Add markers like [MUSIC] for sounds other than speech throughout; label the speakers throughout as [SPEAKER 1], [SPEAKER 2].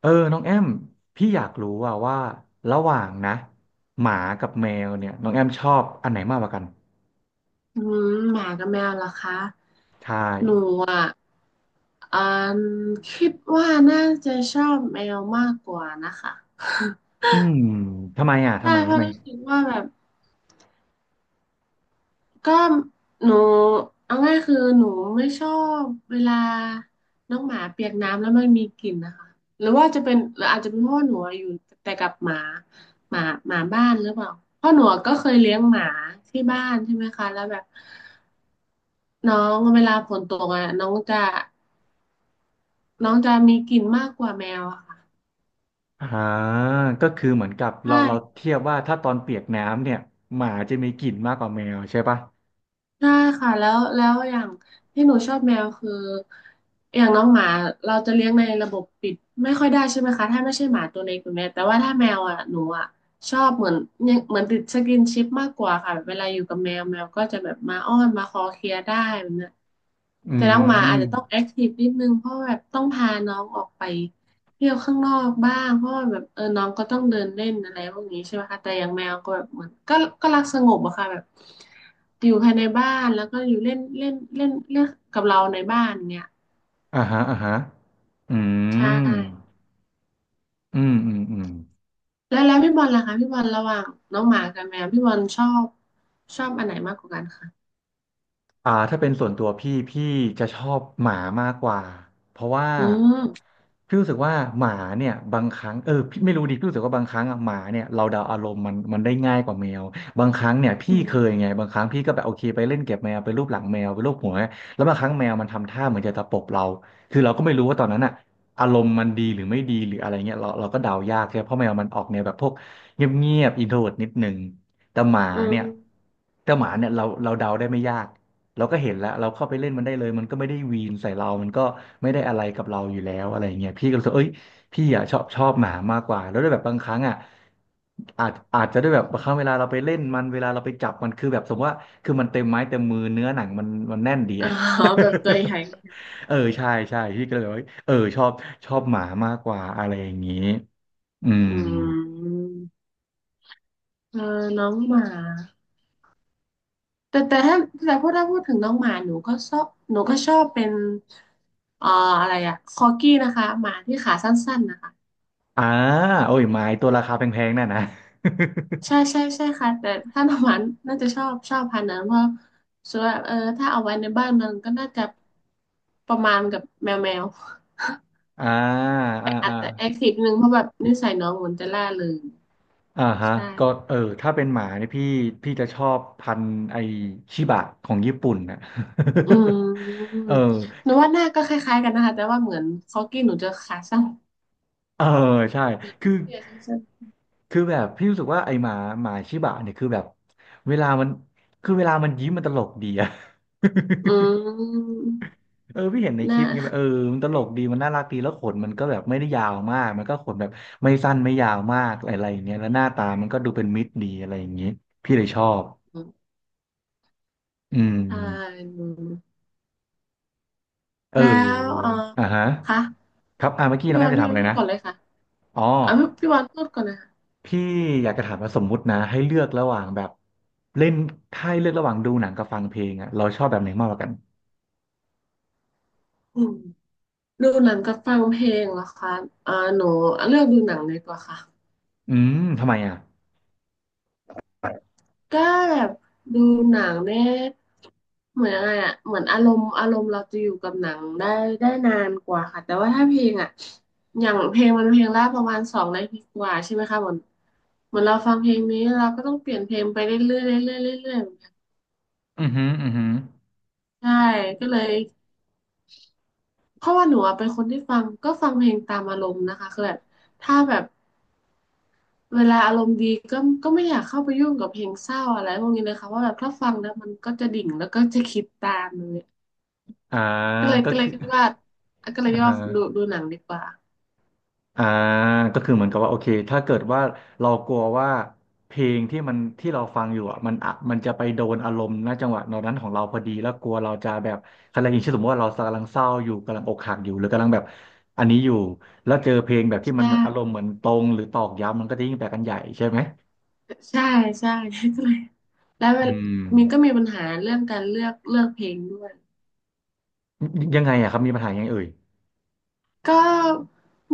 [SPEAKER 1] เออน้องแอมพี่อยากรู้ว่าระหว่างนะหมากับแมวเนี่ยน้องแอมชอบอันไหนมากกว่ากัน
[SPEAKER 2] อืมหมากับแมวเหรอคะ
[SPEAKER 1] ใช่
[SPEAKER 2] หนูอ่ะอ่าคิดว่าน่าจะชอบแมวมากกว่านะคะ
[SPEAKER 1] อืมทำไมอ่ะทำ
[SPEAKER 2] ใช่
[SPEAKER 1] ไม
[SPEAKER 2] เพ
[SPEAKER 1] ทำ
[SPEAKER 2] ราะ
[SPEAKER 1] ไม
[SPEAKER 2] รู้สึกว่าแบบก็หนูเอาง่ายคือหนูไม่ชอบเวลาน้องหมาเปียกน้ำแล้วมันมีกลิ่นนะคะหรือว่าจะเป็นหรืออาจจะเป็นเพราะว่าหนูอะอยู่แต่กับหมาหมาหมาบ้านหรือเปล่าเพราะหนูก็เคยเลี้ยงหมาที่บ้านใช่ไหมคะแล้วแบบน้องเวลาฝนตกอ่ะน้องจะมีกลิ่นมากกว่าแมวอะค่ะ
[SPEAKER 1] อ่าก็คือเหมือนกับเรา
[SPEAKER 2] ใช่
[SPEAKER 1] เทียบว่าถ้าตอนเปียกน้ำเนี่ยหมาจะมีกลิ่นมากกว่าแมวใช่ปะ
[SPEAKER 2] ใช่ค่ะแล้วแล้วอย่างที่หนูชอบแมวคืออย่างน้องหมาเราจะเลี้ยงในระบบปิดไม่ค่อยได้ใช่ไหมคะถ้าไม่ใช่หมาตัวเล็กตัวเนี้ยแต่ว่าถ้าแมวอะหนูอะชอบเหมือนเนี่ยเหมือนติดสกินชิปมากกว่าค่ะแบบเวลาอยู่กับแมวแมวก็จะแบบมาอ้อนมาคอเคลียร์ได้แบบเนี้ย
[SPEAKER 1] อื
[SPEAKER 2] แต่น้องหมาอา
[SPEAKER 1] ม
[SPEAKER 2] จจะต้องแอคทีฟนิดนึงเพราะแบบต้องพาน้องออกไป เที่ยวข้างนอกบ้างเพราะว่าแบบเออน้องก็ต้องเดินเล่นอะไรพวกนี้ใช่ไหมคะแต่อย่างแมวก็แบบเหมือนก็รักสงบอะค่ะแบบอยู่ภายในบ้านแล้วก็อยู่เล่นเล่นเล่นเล่นกับเราในบ้านเนี่ย
[SPEAKER 1] อ่าฮะอ่าฮะอื
[SPEAKER 2] ใช่
[SPEAKER 1] มอืมอืมอืม
[SPEAKER 2] แล้วแล้วพี่บอลล่ะคะพี่บอลระหว่างน้องหมากับแมวพี่บอลชอบอันไหนมากกว่ากันคะ
[SPEAKER 1] อ่าถ้าเป็นส่วนตัวพี่จะชอบหมามากกว่าเพราะว่า
[SPEAKER 2] อืม
[SPEAKER 1] พี่รู้สึกว่าหมาเนี่ยบางครั้งพี่ไม่รู้ดิพี่รู้สึกว่าบางครั้งอะหมาเนี่ยเราเดาอารมณ์มันได้ง่ายกว่าแมวบางครั้งเนี่ย
[SPEAKER 2] อื
[SPEAKER 1] พี่
[SPEAKER 2] ม
[SPEAKER 1] เคยไงบางครั้งพี่ก็แบบโอเคไปเล่นเก็บแมวไปรูปหลังแมวไปรูปหัวแล้วบางครั้งแมวมันทำท่าเหมือนจะตะปบเราคือเราก็ไม่รู้ว่าตอนนั้นอะอารมณ์มันดีหรือไม่ดีหรืออะไรเงี้ยเราก็เดายากใช่ไหมเพราะแมวมันออกแนวแบบพวกเงียบอินโทรดนิดนึงแต่หมา
[SPEAKER 2] อื
[SPEAKER 1] เนี่
[SPEAKER 2] ม
[SPEAKER 1] ยแต่หมาเนี่ยเราเดาได้ไม่ยาก เราก็เห็นแล้วเราเข้าไปเล่นมันได้เลยมันก็ไม่ได้วีนใส่เรามันก็ไม่ได้อะไรกับเราอยู่แล้วอะไรอย่างเงี้ยพี่ก็รู้สึกเอ้ยพี่อ่ะชอบหมามากกว่าแล้วด้วยแบบบางครั้งอ่ะอาจจะด้วยแบบบางครั้งเวลาเราไปเล่นมันเวลาเราไปจับมันคือแบบสมมติว่าคือมันเต็มไม้เต็มมือเนื้อหนังมันแน่นดี
[SPEAKER 2] อ๋อ
[SPEAKER 1] อ่ะ
[SPEAKER 2] แบบตัวใหญ่
[SPEAKER 1] [LAUGHS] เออใช่พี่ก็เลยแบบว่าเออชอบหมามากกว่าอะไรอย่างงี้อืม
[SPEAKER 2] อืมเออน้องหมา แต่ถ้าแต่พูดถ้าพูดถึงน้องหมาหนูก็ชอบหนูก็ชอบเป็นเอ่ออะไรอะคอกี้นะคะหมาที่ขาสั้นๆนะคะ
[SPEAKER 1] อ่าโอ้ยไม้ตัวราคาแพงๆน่ะนะ
[SPEAKER 2] ใช่ใช่ใช่ค่ะแต่ถ้าน้องหมาน่าจะชอบพันธุ์นั้นเพราะส่วนเออถ้าเอาไว้ในบ้านมันก็น่าจะประมาณกับแมว
[SPEAKER 1] [LAUGHS] อ่าอ่า
[SPEAKER 2] แต่อาจ
[SPEAKER 1] อ่า
[SPEAKER 2] จะแอคทีฟนึงเพราะแบบนิสัยน้องเหมือนจะล่าเริง
[SPEAKER 1] อ่าฮะ
[SPEAKER 2] ใช่
[SPEAKER 1] ก็เออถ้าเป็นหมาเนี่ยพี่จะชอบพันธุ์ไอชิบะของญี่ปุ่นนะ
[SPEAKER 2] อืม
[SPEAKER 1] [LAUGHS] เออ
[SPEAKER 2] หนูว่าหน้าก็คล้ายๆกันนะคะแต่ว่าเหมือนคอกี้หนูจะขาสั้น
[SPEAKER 1] เออใช่
[SPEAKER 2] เหมือน
[SPEAKER 1] คือ
[SPEAKER 2] เสื้อสั้น
[SPEAKER 1] คือแบบพี่รู้สึกว่าไอหมาชิบะเนี่ยคือแบบเวลามันคือเวลามันยิ้มมันตลกดีอะ [LAUGHS]
[SPEAKER 2] ๆอืม
[SPEAKER 1] เออพี่เห็นใน
[SPEAKER 2] ห
[SPEAKER 1] ค
[SPEAKER 2] น้า
[SPEAKER 1] ลิปไงแบบเออมันตลกดีมันน่ารักดีแล้วขนมันก็แบบไม่ได้ยาวมากมันก็ขนแบบไม่สั้นไม่ยาวมากอะไรอย่างเงี้ยแล้วหน้าตามันก็ดูเป็นมิตรดีอะไรอย่างงี้พี่เลยชอบอื
[SPEAKER 2] อ่า
[SPEAKER 1] ม
[SPEAKER 2] น
[SPEAKER 1] เออ
[SPEAKER 2] แล้วเออ
[SPEAKER 1] อ่าฮะ
[SPEAKER 2] คะ
[SPEAKER 1] ครับอ่าเมื่อกี้น้องแอมจะ
[SPEAKER 2] พี่
[SPEAKER 1] ถาม
[SPEAKER 2] วา
[SPEAKER 1] อะ
[SPEAKER 2] น
[SPEAKER 1] ไร
[SPEAKER 2] พูด
[SPEAKER 1] นะ
[SPEAKER 2] ก่อนเลยค่ะ
[SPEAKER 1] อ๋อ
[SPEAKER 2] อ่าพี่วานพูดก่อนเลยค่ะ
[SPEAKER 1] พี่อยากจะถามว่าสมมุตินะให้เลือกระหว่างแบบเล่นถ้าให้เลือกระหว่างดูหนังกับฟังเพลงอะเราชอบแบบไหนมากกว่ากัน
[SPEAKER 2] อืมดูหนังกับฟังเพลงเหรอคะอ่าหนูเลือกดูหนังดีกว่าค่ะ
[SPEAKER 1] อืมทำไมอ่ะ
[SPEAKER 2] ก็แบบดูหนังเนี่ยเหมือนอะไรอ่ะเหมือนอารมณ์เราจะอยู่กับหนังได้ได้นานกว่าค่ะแต่ว่าถ้าเพลงอ่ะอย่างเพลงมันเพลงละประมาณสองนาทีกว่าใช่ไหมคะเหมือนเราฟังเพลงนี้เราก็ต้องเปลี่ยนเพลงไปเรื่อยๆเรื่อยๆเรื่อยๆเหมือนกัน
[SPEAKER 1] อือหืออือหือ
[SPEAKER 2] ใช่ก็เลย เพราะว่าหนูอะเป็นคนที่ฟังก็ฟังเพลงตามอารมณ์นะคะคือแบบถ้าแบบเวลาอารมณ์ดีก็ก็ไม่อยากเข้าไปยุ่งกับเพลงเศร้าอะไรพวกนี้เลยค่ะว่าแบบถ้าฟังแล้วมันก็จะดิ่งแล้วก็จะคิดตามเลย
[SPEAKER 1] อ่า
[SPEAKER 2] ก็เลย
[SPEAKER 1] ก็
[SPEAKER 2] ก็เลย
[SPEAKER 1] คือ
[SPEAKER 2] คิดว่าก็
[SPEAKER 1] [LAUGHS]
[SPEAKER 2] เลย
[SPEAKER 1] อ่า
[SPEAKER 2] คิดว่า
[SPEAKER 1] ฮะ
[SPEAKER 2] ดูหนังดีกว่า
[SPEAKER 1] อ่าก็คือเหมือนกับว่าโอเคถ้าเกิดว่าเรากลัวว่าเพลงที่มันที่เราฟังอยู่อ่ะมันจะไปโดนอารมณ์ณจังหวะนั้นของเราพอดีแล้วกลัวเราจะแบบอะไรอย่างเช่นสมมติว่าเรากำลังเศร้าอยู่กำลังอกหักอยู่หรือกำลังแบบอันนี้อยู่แล้วเจอเพลงแบบที่มั
[SPEAKER 2] ใช่
[SPEAKER 1] นอารมณ์เหมือนตรงหรือตอกย้ำมันก็จะยิ่งแปลกันใหญ่ใช่ไหม
[SPEAKER 2] ใช่ใช่ก็เลยแล้วเว
[SPEAKER 1] อื
[SPEAKER 2] ล
[SPEAKER 1] ม
[SPEAKER 2] มีปัญหาเรื่องการเลือกเพลงด้วย
[SPEAKER 1] ยังไงอ่ะครับมีปัญหายังไงเอ่ย
[SPEAKER 2] ก็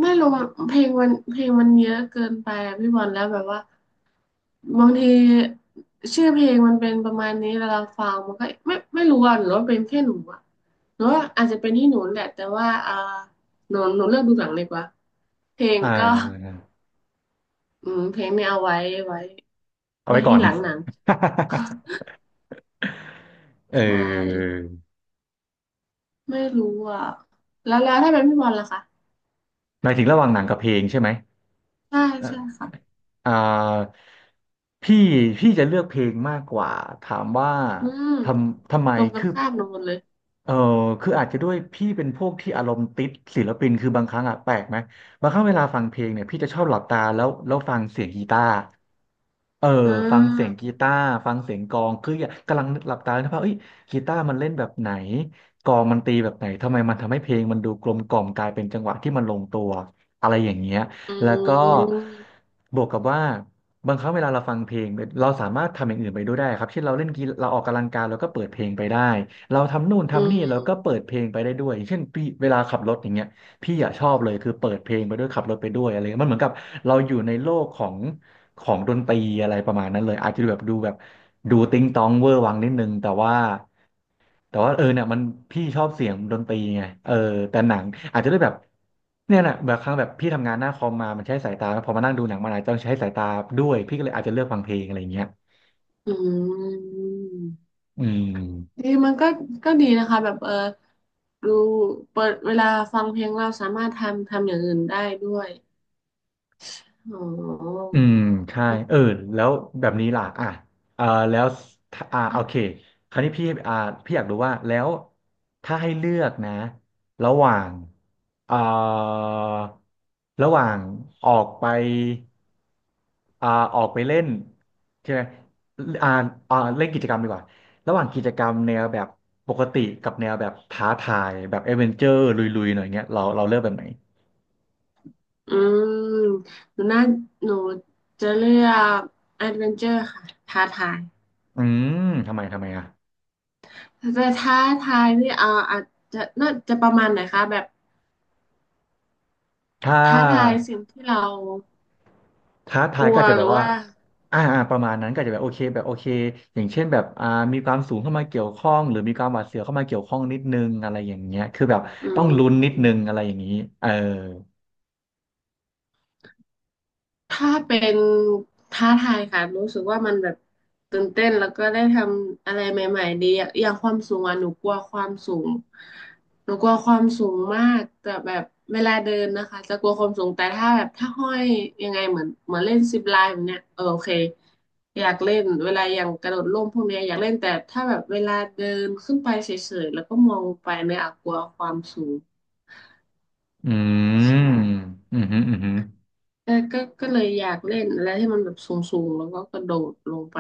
[SPEAKER 2] ไม่รู้เพลงมันเยอะเกินไปอะพี่บอลแล้วแบบว่า บางทีชื่อเพลงมันเป็นประมาณนี้เวลาฟังมันก็ไม่รู้อ่ะหรือว่าเป็นแค่หนูอ่ะหรือว่าอาจจะเป็นที่หนูแหละแต่ว่าอ่าหนูเลือกดูหนังดีกว่าเพลง
[SPEAKER 1] อ่
[SPEAKER 2] ก็
[SPEAKER 1] า
[SPEAKER 2] อืมเพลงเนี่ยเอาไว้ไว้
[SPEAKER 1] เอา
[SPEAKER 2] ไว้
[SPEAKER 1] ไว้ก่อ
[SPEAKER 2] ที่
[SPEAKER 1] น
[SPEAKER 2] หลังห
[SPEAKER 1] [LAUGHS]
[SPEAKER 2] นัง
[SPEAKER 1] เอ
[SPEAKER 2] ใช่
[SPEAKER 1] อ
[SPEAKER 2] ไม่รู้อ่ะแล้วแล้วถ้าเป็นพี่บอลล่ะคะ
[SPEAKER 1] หมายถึงระหว่างหนังกับเพลงใช่ไหม
[SPEAKER 2] ใช่ใช่ค่ะ
[SPEAKER 1] อ่าพี่พี่จะเลือกเพลงมากกว่าถามว่า
[SPEAKER 2] อืม
[SPEAKER 1] ทำไม
[SPEAKER 2] ตรงกัน
[SPEAKER 1] คือ
[SPEAKER 2] ข้ามหนูหมดเลย
[SPEAKER 1] เออคืออาจจะด้วยพี่เป็นพวกที่อารมณ์ติดศิลปินคือบางครั้งอะแปลกไหมบางครั้งเวลาฟังเพลงเนี่ยพี่จะชอบหลับตาแล้วฟังเสียงกีตาร์เออ
[SPEAKER 2] อ่
[SPEAKER 1] ฟังเสียง
[SPEAKER 2] า
[SPEAKER 1] กีตาร์ฟังเสียงกลองคืออยากกำลังนึกหลับตาแล้วว่าเอ้ยกีตาร์มันเล่นแบบไหนกลองมันตีแบบไหนทำไมมันทำให้เพลงมันดูกลมกล่อมกลายเป็นจังหวะที่มันลงตัวอะไรอย่างเงี้ย
[SPEAKER 2] อื
[SPEAKER 1] แล้วก็
[SPEAKER 2] ม
[SPEAKER 1] บวกกับว่าบางครั้งเวลาเราฟังเพลงเราสามารถทำอย่างอื่นไปด้วยได้ครับเช่นเราเล่นกีฬาเราออกกำลังกายเราก็เปิดเพลงไปได้เราทำนู่น
[SPEAKER 2] อื
[SPEAKER 1] ทำนี่เราก็
[SPEAKER 2] ม
[SPEAKER 1] เปิดเพลงไปได้ด้วยอย่างเช่นพี่เวลาขับรถอย่างเงี้ยพี่อะชอบเลยคือเปิดเพลงไปด้วยขับรถไปด้วยอะไรเงี้ยมันเหมือนกับเราอยู่ในโลกของของดนตรีอะไรประมาณนั้นเลยอาจจะดูแบบดูติงตองเวอร์วังนิดนึงแต่ว่า แต่ว่าเออเนี่ยมันพี่ชอบเสียงดนตรีไงเออแต่หนังอาจจะได้แบบเนี่ยแะแบบครั้งแบบพี่ทำงานหน้าคอมมามันใช้สายตาพอมานั่งดูหนังมันอาจจะต้องใช้สายตาด้วยพี่ก็เลยอาจจะเลือกฟังเพลงอะไรอย่างเงี้ย
[SPEAKER 2] อืม
[SPEAKER 1] อืม
[SPEAKER 2] ดีมันก็ดีนะคะแบบเออดูเปิดเวลาฟังเพลงเราสามารถทำอย่างอื่นได้ด้วยอ๋อ
[SPEAKER 1] อืมใช่เออแล้วแบบนี้ล่ะอ่ะอ่าแล้วอ่าโอเคคราวนี้พี่พี่อยากรู้ว่าแล้วถ้าให้เลือกนะ ระหว่างอ่าระหว่างออกไปอ่าออกไปเล่นใช่ไหมอ่าเล่นกิจกรรมดีกว่า ระหว่างกิจกรรมแนวแบบปกติกับแนวแบบท้าทายแบบเอดเวนเจอร์ลุยๆ หน่อยเงี้ยเราเลือกแบบไหน
[SPEAKER 2] อืมหนูน่าหนูจะเลือกแอดเวนเจอร์ค่ะท้าทาย
[SPEAKER 1] อืมทำไมอ่ะ
[SPEAKER 2] ท้าทายนี่เอออาจจะน่าจะประมาณไหนคะแบบ
[SPEAKER 1] ถ้า
[SPEAKER 2] ท้าทายสิ่งที่เรา
[SPEAKER 1] ท้า
[SPEAKER 2] ก
[SPEAKER 1] ทาย
[SPEAKER 2] ลั
[SPEAKER 1] ก็
[SPEAKER 2] ว
[SPEAKER 1] อาจจะ
[SPEAKER 2] ห
[SPEAKER 1] แบ
[SPEAKER 2] รื
[SPEAKER 1] บ
[SPEAKER 2] อ
[SPEAKER 1] ว่า
[SPEAKER 2] ว่า
[SPEAKER 1] ประมาณนั้นก็อาจจะแบบโอเคแบบโอเค อย่างเช่นแบบมีความสูงเข้ามาเกี่ยวข้อง หรือมีความหวาดเสียวเข้ามาเกี่ยวข้องนิดนึง อะไรอย่างเงี้ยคือแบบ
[SPEAKER 2] อื
[SPEAKER 1] ต้องลุ้นนิดนึง
[SPEAKER 2] ม
[SPEAKER 1] อะไรอย่างนี้เออ
[SPEAKER 2] ถ้าเป็นท้าทายค่ะรู้สึกว่ามันแบบตื่นเต้นแล้วก็ได้ทำอะไรใหม่ๆดีอะอย่างความสูงอ่ะหนูกลัวความสูงหนูกลัวความสูงมากแต่แบบเวลาเดินนะคะจะกลัวความสูงแต่ถ้าแบบถ้าห้อยยังไงเหมือนเล่นซิปไลน์แบบเนี้ยเออโอเคอยากเล่นเวลาอย่างกระโดดร่มพวกเนี้ยอยากเล่นแต่ถ้าแบบเวลาเดินขึ้นไปเฉยๆแล้วก็มองลงไปเนี่ยอะกลัวความสูง
[SPEAKER 1] อืม
[SPEAKER 2] ใช่
[SPEAKER 1] อืมอหืมอ
[SPEAKER 2] เอก็เลยอยากเล่นอะไรที่มันแบบสูงๆแล้วก็กระโดดลงไป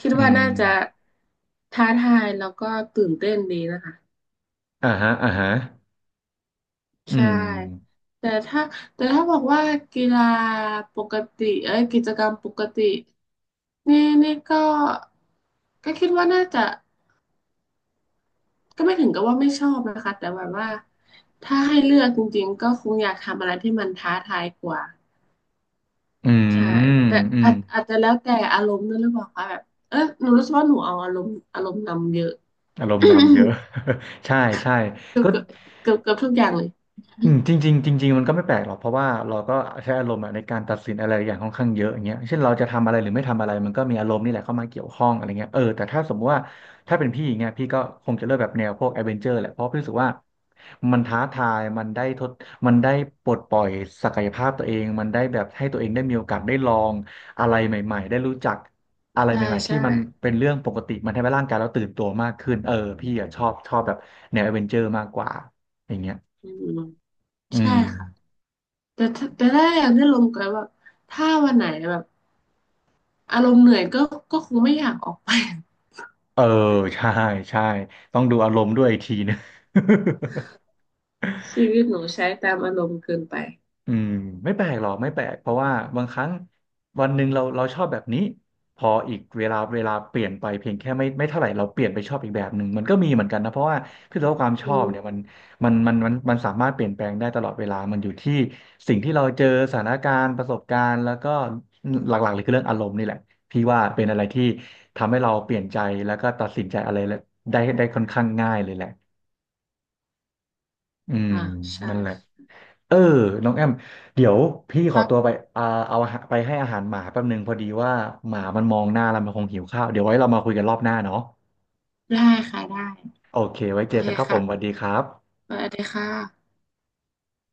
[SPEAKER 2] คิด
[SPEAKER 1] อื
[SPEAKER 2] ว่า
[SPEAKER 1] มอหืออื
[SPEAKER 2] น่าจะ
[SPEAKER 1] ม
[SPEAKER 2] ท้าทายแล้วก็ตื่นเต้นดีนะคะ
[SPEAKER 1] อ่าฮะอ่าฮะอื
[SPEAKER 2] ใช่
[SPEAKER 1] ม
[SPEAKER 2] แต่ถ้าแต่ถ้าบอกว่ากีฬาปกติเอ้ยกิจกรรมปกติ นี่นี่ก็ ก็คิดว่าน่าจะ ก็ไม่ถึงกับว่าไม่ชอบนะคะ แต่แบบว่า ถ้าให้เลือกจริงๆ ก็คงอยากทำอะไรที่มันท้าทายกว่า
[SPEAKER 1] อื
[SPEAKER 2] ใช่
[SPEAKER 1] ม
[SPEAKER 2] แต่
[SPEAKER 1] อืม
[SPEAKER 2] อาจจะแล้วแต่อารมณ์ด้วยหรือเปล่าคะแบบเออหนูรู้สึกว่าหนูเอาอารมณ์นำเยอะ [COUGHS]
[SPEAKER 1] อารมณ์นำเยอะ [LAUGHS] ใช่ใช่
[SPEAKER 2] เกือบ
[SPEAKER 1] ก็
[SPEAKER 2] เกือบเกือบเกือบทุกอย่างเลย
[SPEAKER 1] อืมจริงๆจริงๆมันก็ไม่แปลกหรอกเพราะว่าเราก็ใช้อารมณ์อะในการตัดสินอะไรอย่างค่อนข้างเยอะอย่างเงี้ยเช่นเราจะทำอะไรหรือไม่ทำอะไรมันก็มีอารมณ์นี่แหละเข้ามาเกี่ยวข้องอะไรเงี้ยเออแต่ถ้าสมมติว่าถ้าเป็นพี่อย่างเงี้ยพี่ก็คงจะเลือกแบบแนวพวกแอดเวนเจอร์แหละเพราะพี่รู้สึกว่ามันท้าทายมันได้ปลดปล่อยศักยภาพตัวเองมันได้แบบให้ตัวเองได้มีโอกาสได้ลองอะไรใหม่ๆได้รู้จักอะไร
[SPEAKER 2] ใช่
[SPEAKER 1] ใหม่ๆที่
[SPEAKER 2] ใช่
[SPEAKER 1] มันเป็นเรื่องปกติมันทำให้ร่างกายเราตื่นตัวมากขึ้นเออพี่อะชอบแบบแนวแอดเวนเจอร์มากกว่าอย่างเงี้ย
[SPEAKER 2] อืม
[SPEAKER 1] อื
[SPEAKER 2] ใช่
[SPEAKER 1] ม
[SPEAKER 2] ค่ะแต่ถ้าอยากได้ลมก็แบบถ้าวันไหนแบบอารมณ์เหนื่อยก็คงไม่อยากออกไป
[SPEAKER 1] เออ [LAUGHS] ใช่ใช่ต้องดูอารมณ์ด้วยอีกทีนึง [LAUGHS]
[SPEAKER 2] [LAUGHS] ชีวิตหนูใช้ตามอารมณ์เกินไป
[SPEAKER 1] อืมไม่แปลกหรอกไม่แปลกเพราะว่าบางครั้งวันหนึ่งเราชอบแบบนี้พออีกเวลาเปลี่ยนไปเพียงแค่ไม่เท่าไหร่เราเปลี่ยนไปชอบอีกแบบหนึ่งมันก็มีเหมือนกันนะเพราะว่าคือตัวความช
[SPEAKER 2] อื
[SPEAKER 1] อบ
[SPEAKER 2] ม
[SPEAKER 1] เนี่ยมันสามารถเปลี่ยนแปลงได้ตลอดเวลามันอยู่ที่สิ่งที่เราเจอสถานการณ์ประสบการณ์แล้วก็หลักๆเลยคือเรื่องอารมณ์นี่แหละพี่ว่าเป็นอะไรที่ทำให้เราเปลี่ยนใจแล้วก็ตัดสินใจอะไรได้ค่อนข้างง่ายเลยแหละ อืม
[SPEAKER 2] อ่าใช่
[SPEAKER 1] นั่นแหละเออน้องแอมเดี๋ยวพี่
[SPEAKER 2] ค
[SPEAKER 1] ขอ
[SPEAKER 2] รับ
[SPEAKER 1] ตัวไปอ่าเอาอาหารไปให้อาหารหมาแป๊บนึงพอดีว่าหมามันมองหน้าแล้วมันคงหิวข้าวเดี๋ยวไว้เรามาคุยกันรอบหน้าเนาะ
[SPEAKER 2] ได้ค่ะได้
[SPEAKER 1] โอเคไว้
[SPEAKER 2] โอ
[SPEAKER 1] เจอ
[SPEAKER 2] เค
[SPEAKER 1] กันครับผ
[SPEAKER 2] ค่ะ
[SPEAKER 1] มสวัสดีครับ
[SPEAKER 2] สวัสดีค่ะ